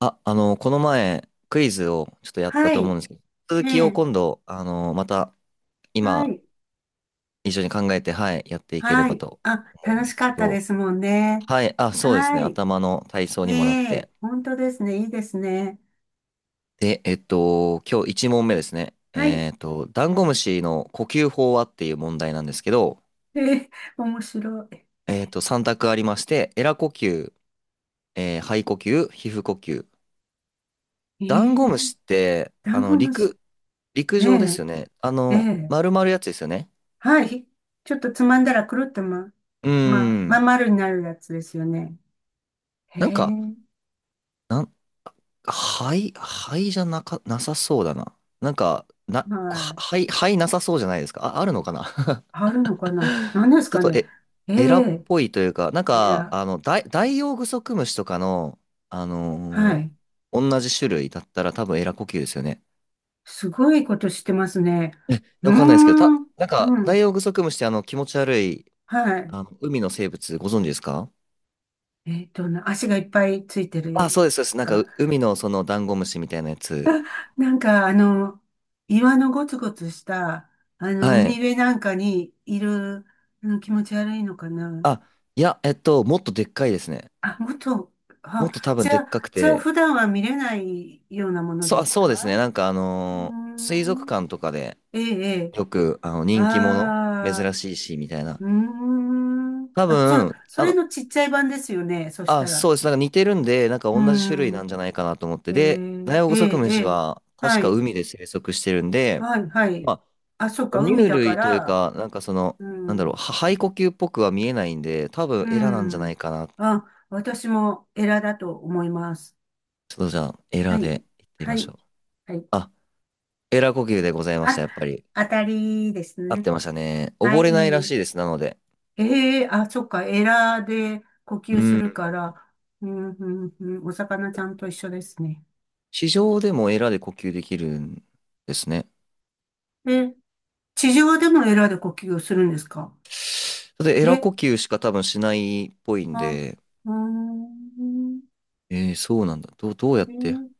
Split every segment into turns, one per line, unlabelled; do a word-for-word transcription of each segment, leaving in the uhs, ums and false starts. あ、あの、この前、クイズをちょっとやった
は
と思う
い。
んですけど、続きを
ね
今度、あの、また、
え。は
今、
い。
一緒に考えて、はい、やっていけれ
は
ば
い。
と
あ、
思う
楽
んで
し
す
か
け
ったで
ど、
すもんね。
はい、あ、そうですね、
はい。
頭の体操にもなっ
え
て。
え、本当ですね。いいですね。
で、えっと、今日いち問目ですね。
はい。
えっと、ダンゴムシの呼吸法はっていう問題なんですけど、
ええ、面白い。
えっと、さん択ありまして、エラ呼吸、えー肺呼吸、皮膚呼吸。
え
ダンゴ
え、
ムシって、
ダ
あ
ン
の、
ゴムシ。
陸、陸
え
上で
え、
すよね。あ
え
の、
え。
丸々やつですよね。
はい。ちょっとつまんだらくるっとま、
うー
ま、まん
ん。
丸になるやつですよね。へ
なんか、
え、
なん、肺肺じゃなか、なさそうだな。なんか、な、
は
は
い。
灰、肺なさそうじゃないですか。あ、あるのかな。
あるのかな、何です
ちょっ
か
と、
ね。
え、
え
エラっ
え、
ぽいというか、なん
え
か、
ら。
あの、ダイ、ダイオウグソクムシとかの、あの
は
ー
い。
同じ種類だったら多分エラ呼吸ですよね。
すごいことしてますね。
え、
うー
わかんないですけど、た、
ん。
なんか、
う
ダイ
ん。
オウグソクムシってあの、気持ち悪い、
はい。
あの、海の生物ご存知ですか？
えっと、な足がいっぱいついて
あ、そ
る
うです、そうです。なんか、
か。
う海のそのダンゴムシみたいなやつ。
なんか、あの、岩のゴツゴツした、あの、
は
海
い。
辺なんかにいる、あの、気持ち悪いのかな。
あ、いや、えっと、もっとでっかいですね。
あ、もっと、
もっ
あ、
と多分
じ
で
ゃ
っかく
あ、じゃあ、
て、
普段は見れないようなもの
そ
で
う、あ、
す
そう
か？
ですね。なんかあ
うー
のー水族
ん。
館とかで
ええ、ええ。
よく、あの、人気者、
あ
珍
あ、
しいし、みたいな。
うーん。
多
あ、それ、
分、
そ
あ
れ
の、
のちっちゃい版ですよね。そし
あ、
た
そ
ら。
うです。なんか似てるんで、なんか
うー
同じ種類なん
ん。
じゃないかなと思って。
え
で、ダ
え、
イオウ
え
グソク
え、
ム
え
シ
え。
は確
は
か
い。
海で生息してるんで、
はい、はい。
まあ、
あ、そっか、
哺
海
乳
だか
類という
ら、
か、なんかその、
う
なんだろう、
ん、
は肺呼吸っぽくは見えないんで、多分
う
エラなんじゃな
ん。
いかな。
あ、私もエラだと思います。
ちょっとじゃあ、エラ
はい、
でいってみ
は
まし
い、
ょう。
はい。
あ、エラ呼吸でございました、
あ、
やっぱり。
当たりです
合っ
ね。
てましたね。
は
溺れないらし
い。
いです、なので。
ええ、あ、そっか、エラで呼
う
吸す
ん。
るから、うん、うん、うん、お魚ちゃんと一緒ですね。
地上でもエラで呼吸できるんですね。
え、地上でもエラで呼吸をするんですか？
で、エ
え、
ラ呼吸しか多分しないっぽいん
あ、
で、
うーん、
えー、そうなんだ。どう、どうやって、
ね、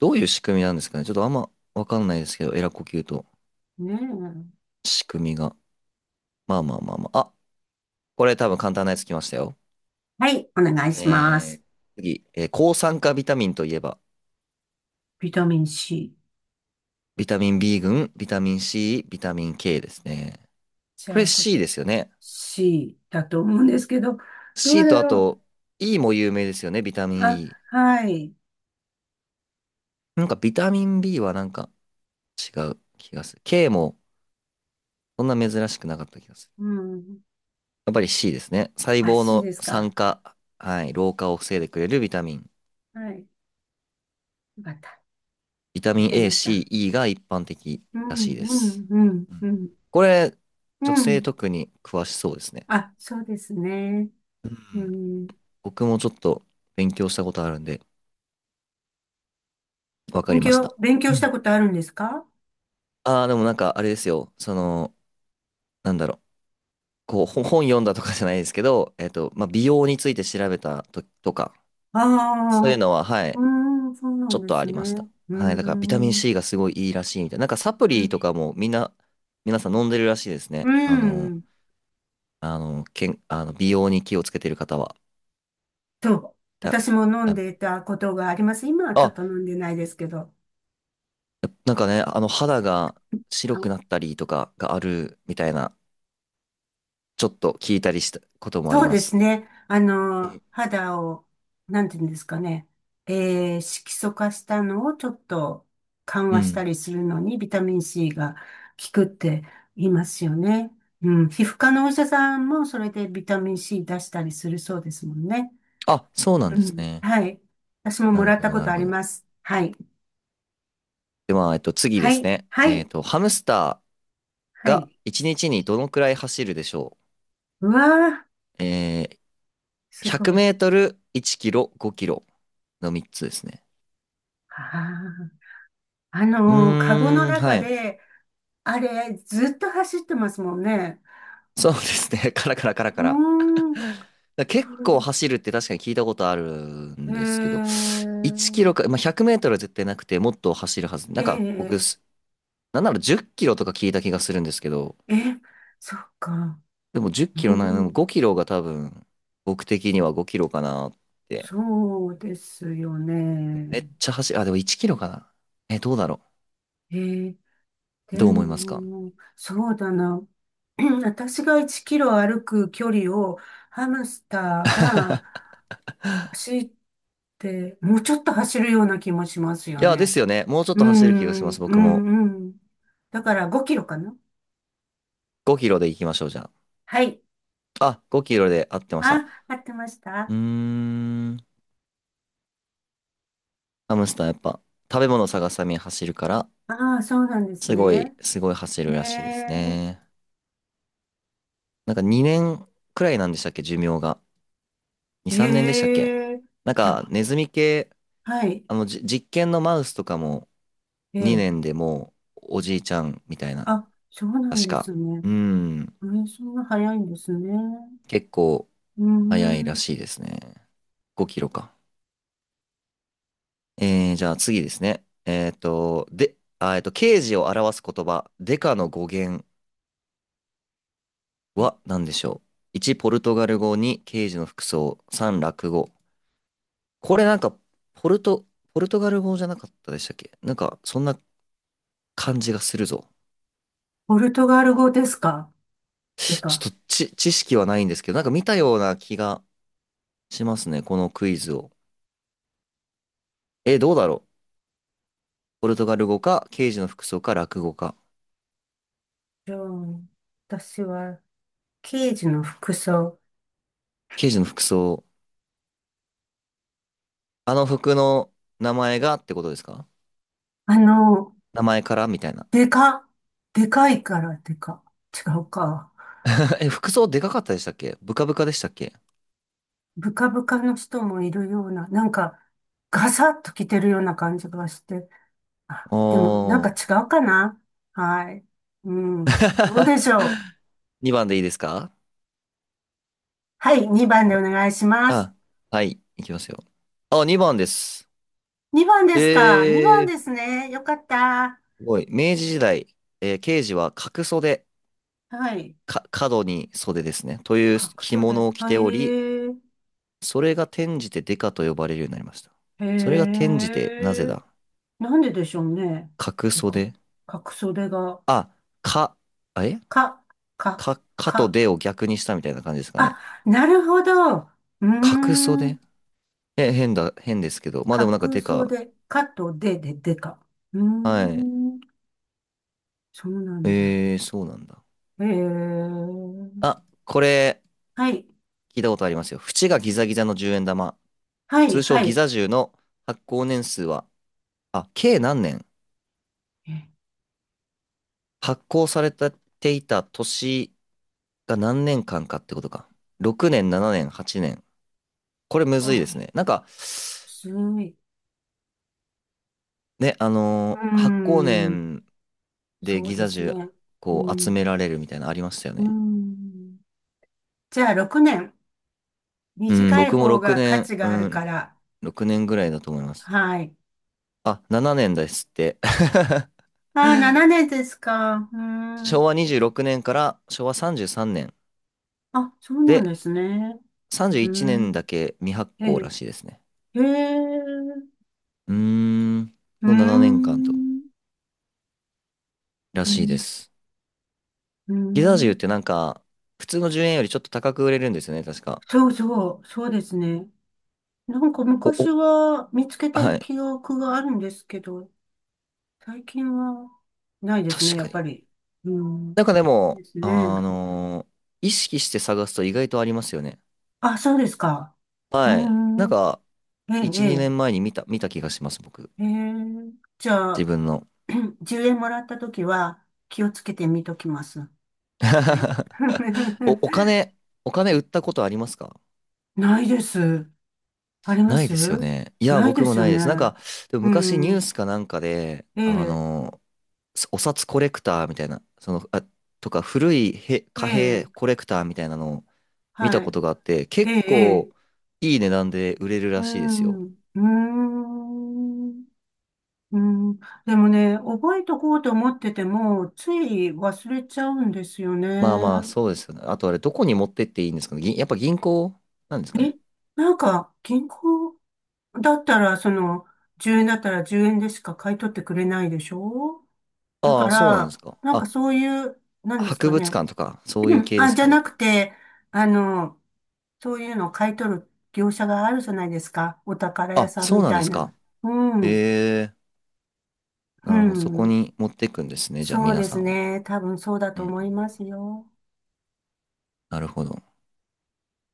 どういう仕組みなんですかね。ちょっとあんまわかんないですけど、エラ呼吸と
ねえ。
仕組みが。まあまあまあまあ。あ、これ多分簡単なやつきましたよ。
はい、お願いします。
えー、次、えー抗酸化ビタミンといえば、
ビタミン C。
ビタミン B 群、ビタミン C、ビタミン K ですね。
じ
これ
ゃあ、これ
C ですよね。
C だと思うんですけど、どう
C と
だ
あ
ろ
と E も有名ですよね、ビタミ
う。
ン
あ、
E。
はい。
なんかビタミン B はなんか違う気がする。K もそんな珍しくなかった気がする。
うん。
やっぱり C ですね。細
あ、
胞
C
の
です
酸
か？
化、はい、老化を防いでくれるビタミン。
はい。よかった。
ビタ
やっ
ミン
て
A、
まし
C、
た。
E が一般的
う
らしい
ん、
で
う
す。
ん、うん、
う
う
ん、
ん。
これ、
う
女性
ん。
特に詳しそうですね。
あ、そうですね。
う
う
ん、
ん。
僕もちょっと勉強したことあるんで、わか
勉
りました。
強、勉強
う
した
ん、
ことあるんですか？
ああ、でもなんかあれですよ。その、なんだろう。こう、ほ 本読んだとかじゃないですけど、えっと、まあ、美容について調べたと、とか、
あ
そういう
あ、
のは、はい、
うん、そうな
ちょ
ん
っ
で
とあ
す
りました。
ね。う
はい、だからビタミン
ん、
C がすごいいいらしいみたいな。なんかサプ
う
リ
ん、
とかもみんな、皆さん飲んでるらしいですね。
う
あの、
ん。
あの、けん、あの美容に気をつけてる方は。
と、
た
私も飲ん
あ、
でいたことがあります。今はちょっ
あ、
と飲んでないですけど。
なんかね、あの肌が白
あ、
くなったりとかがあるみたいな、ちょっと聞いたりしたこともあり
そう
ま
で
す。
すね。あ
う
の、
ん。
肌を、なんていうんですかね。えー、色素化したのをちょっと緩
う
和した
ん、
りするのにビタミン C が効くって言いますよね。うん。皮膚科のお医者さんもそれでビタミン C 出したりするそうですもんね。
あ、そうなん
う
です
ん。
ね。
はい。私も
な
も
る
らっ
ほ
た
ど、
こ
な
と
る
あ
ほ
り
ど。
ます。はい。
では、えっと、次で
は
す
い。
ね。
は
えっ
い。
と、ハムスター
は
が
い。
いちにちにちにどのくらい走るでしょ
うわー、
う？えー、
す
100
ご
メ
い。
ートル、いちキロ、ごキロのみっつですね。
ああ。あ
う
のー、カゴの
ーん、は
中
い。
で、あれ、ずっと走ってますもんね。
そうですね。カラカラカラ
う
カ
ー
ラ。
ん、
だ結
どれだ、
構走るって確かに聞いたことある
へ
ん
え
ですけど、1キ
ー、
ロか、まあ、ぜろ ぜろメートルは絶対なくて、もっと走るはず。なんか、僕、
え
す、なんならじゅっキロとか聞いた気がするんですけど、
え、え、そっか。
でも10
う
キロない、でも
ん、
ごキロが多分、僕的にはごキロかなって。
そうですよね。
めっちゃ走る。あ、でもいちキロかな。え、どうだろ
えー、
う。どう
で
思いますか？
も、そうだな。私がいちキロ歩く距離をハムスターが走って、もうちょっと走るような気もしますよ
いや、です
ね。
よね。もうちょっ
う
と走る気がし
ん、
ます。
う
僕も。
ん、うん。だからごキロかな。
ごキロで行きましょう、じゃ
はい。
あ。あ、ごキロで合ってました。
あ、合ってまし
うー
た？
ん。ハムスターやっぱ、食べ物探すために走るから、
ああ、そうなんです
すご
ね。
い、すごい走
へ
るらしいです
え、
ね。なんかにねんくらいなんでしたっけ、寿命が。に、さんねんでしたっけ。
へえ、
なん
いや、
か、ネズミ系、
はい、
あの、じ実験のマウスとかも
ええ、
にねんでもう、おじいちゃんみたいな。
あ、そうなん
確
で
か。
すね。
うーん。
ええ、そんな早いんですね。
結構、
うー
早いら
ん、
しいですね。ごキロか。えー、じゃあ次ですね。えっと、で、あ、えっと、刑事を表す言葉、デカの語源は何でしょう？ いち、ポルトガル語、に、刑事の服装、さん、落語。これなんか、ポルト、ポルトガル語じゃなかったでしたっけ？なんか、そんな感じがするぞ。
ポルトガル語ですか？て
ち
か、
ょっとち、知識はないんですけど、なんか見たような気がしますね、このクイズを。え、どうだろう？ポルトガル語か、刑事の服装か、落語か。
じゃあ、私は、刑事の服装。
刑事の服装、あの服の名前がってことですか？
あの、
名前からみたいな。
でか、でかいからでか。違うか。
え、服装でかかったでしたっけ？ブカブカでしたっけ？
ブカブカの人もいるような、なんか、ガサッと着てるような感じがして、
お
あ、でも、なんか違
ー。
うかな？はい。うん。どうで しょう？
にばんでいいですか？
はい、にばんでお願いします。
あ、はい、いきますよ。あ、にばんです。
にばんで
え
すか？ に 番で
ー、
すね。よかった。
すごい。明治時代、えー、刑事は角袖、
はい。
か、角に袖ですね。という
各
着
所で。
物を着
は
ており、
い。
それが転じてデカと呼ばれるようになりました。
へ
それが転じて、なぜ
え。
だ？
なんででしょうね。
角
て
袖、
か、角袖が、
あ、か、え
か、か、
か、かと
か。
でを逆にしたみたいな感じですかね。
あ、なるほど。うー
角袖、
ん。
え、変だ、変ですけど。まあでもなんか
角
でか。
袖、かとでででか。うー
はい。
ん。そうなんだ。
えー、そうなんだ。
えー、
あ、これ、
はい、
聞いたことありますよ。縁がギザギザのじゅうえん玉。
はい、
通称
は
ギ
い。
ザ銃の発行年数は、あ、計何年
え、
発行されていた年が何年間かってことか。ろくねん、ななねん、はちねん。これむずいです
あ、
ね。なんか、
すごい。
ね、あ
う
のー発行
ーん、
年で
そう
ギ
で
ザ
す
銃
ね。う
こう集
ん、
められるみたいなのありましたよ
うー
ね。
ん。じゃあ、ろくねん。
うん、
短い
僕も
方
6
が価
年、
値
う
があるか
ん、
ら。
ろくねんぐらいだと思います。
はい。
あ、ななねんですって。
ああ、しちねんですか。うー
昭
ん。
和にじゅうろくねんから昭和さんじゅうさんねん
あ、そうなん
で、
ですね。
31
うー
年
ん。
だけ未発
え
行ら
ー、
しいですね。
えー、
うーん、
うー
のななねんかんと、
ん、
ら
う
しい
ん、
です。
う
ギザ銃っ
ん。
てなんか、普通のじゅうえんよりちょっと高く売れるんですよね、確か。
そうそう、そうですね。なんか
お、
昔
お、
は見つけた
はい。
記憶があるんですけど、最近はないですね、
確
や
か
っぱ
に。
り。うん。
なんかで
で
も、
すね。
あのー意識して探すと意外とありますよね。
あ、そうですか。う
はい。なん
ん。
か、
え
いち、
え、
にねんまえに見た、見た気がします、僕。
ええ。ええ、じゃ
自
あ、
分の。
じゅうえんもらったときは気をつけて見ときます。はい。
お、お 金、お金売ったことありますか？
ないです。ありま
ない
す？
ですよね。いや、
ない
僕
で
も
すよ
ないです。なん
ね。
か、でも
う
昔ニュー
ん。
スかなんかで、
え
あ
え、
の、お札コレクターみたいな、その、あ、とか、古いへ
え
貨幣
え、
コレクターみたいなのを見た
は
こ
い。
とがあって、
え
結
え、
構
ええ、
いい値段で売れる
う
らしいですよ。
ん。うーん。うん、でもね、覚えとこうと思ってても、つい忘れちゃうんですよ
まあ
ね。
まあ、そうですよね。あとあれ、どこに持ってっていいんですかね。ぎやっぱ銀行なんですか
え、
ね。
なんか、銀行だったら、その、じゅうえんだったらじゅうえんでしか買い取ってくれないでしょ？だか
ああ、そうなんです
ら、
か。
なんか
あ、
そういう、なんです
博
か
物
ね。
館とか、そう
う
いう
ん、
系で
あ、
す
じ
か
ゃな
ね。
くて、あの、そういうのを買い取る業者があるじゃないですか。お宝屋
あ、
さん
そう
み
なん
た
で
い
す
な。
か。
うん、
ええ、
う
なるほど。そこ
ん。
に持っていくんですね。じゃあ、
そう
皆
で
さ
す
んは。
ね。多分そうだ
う
と
んう
思い
ん。
ますよ。
なるほど。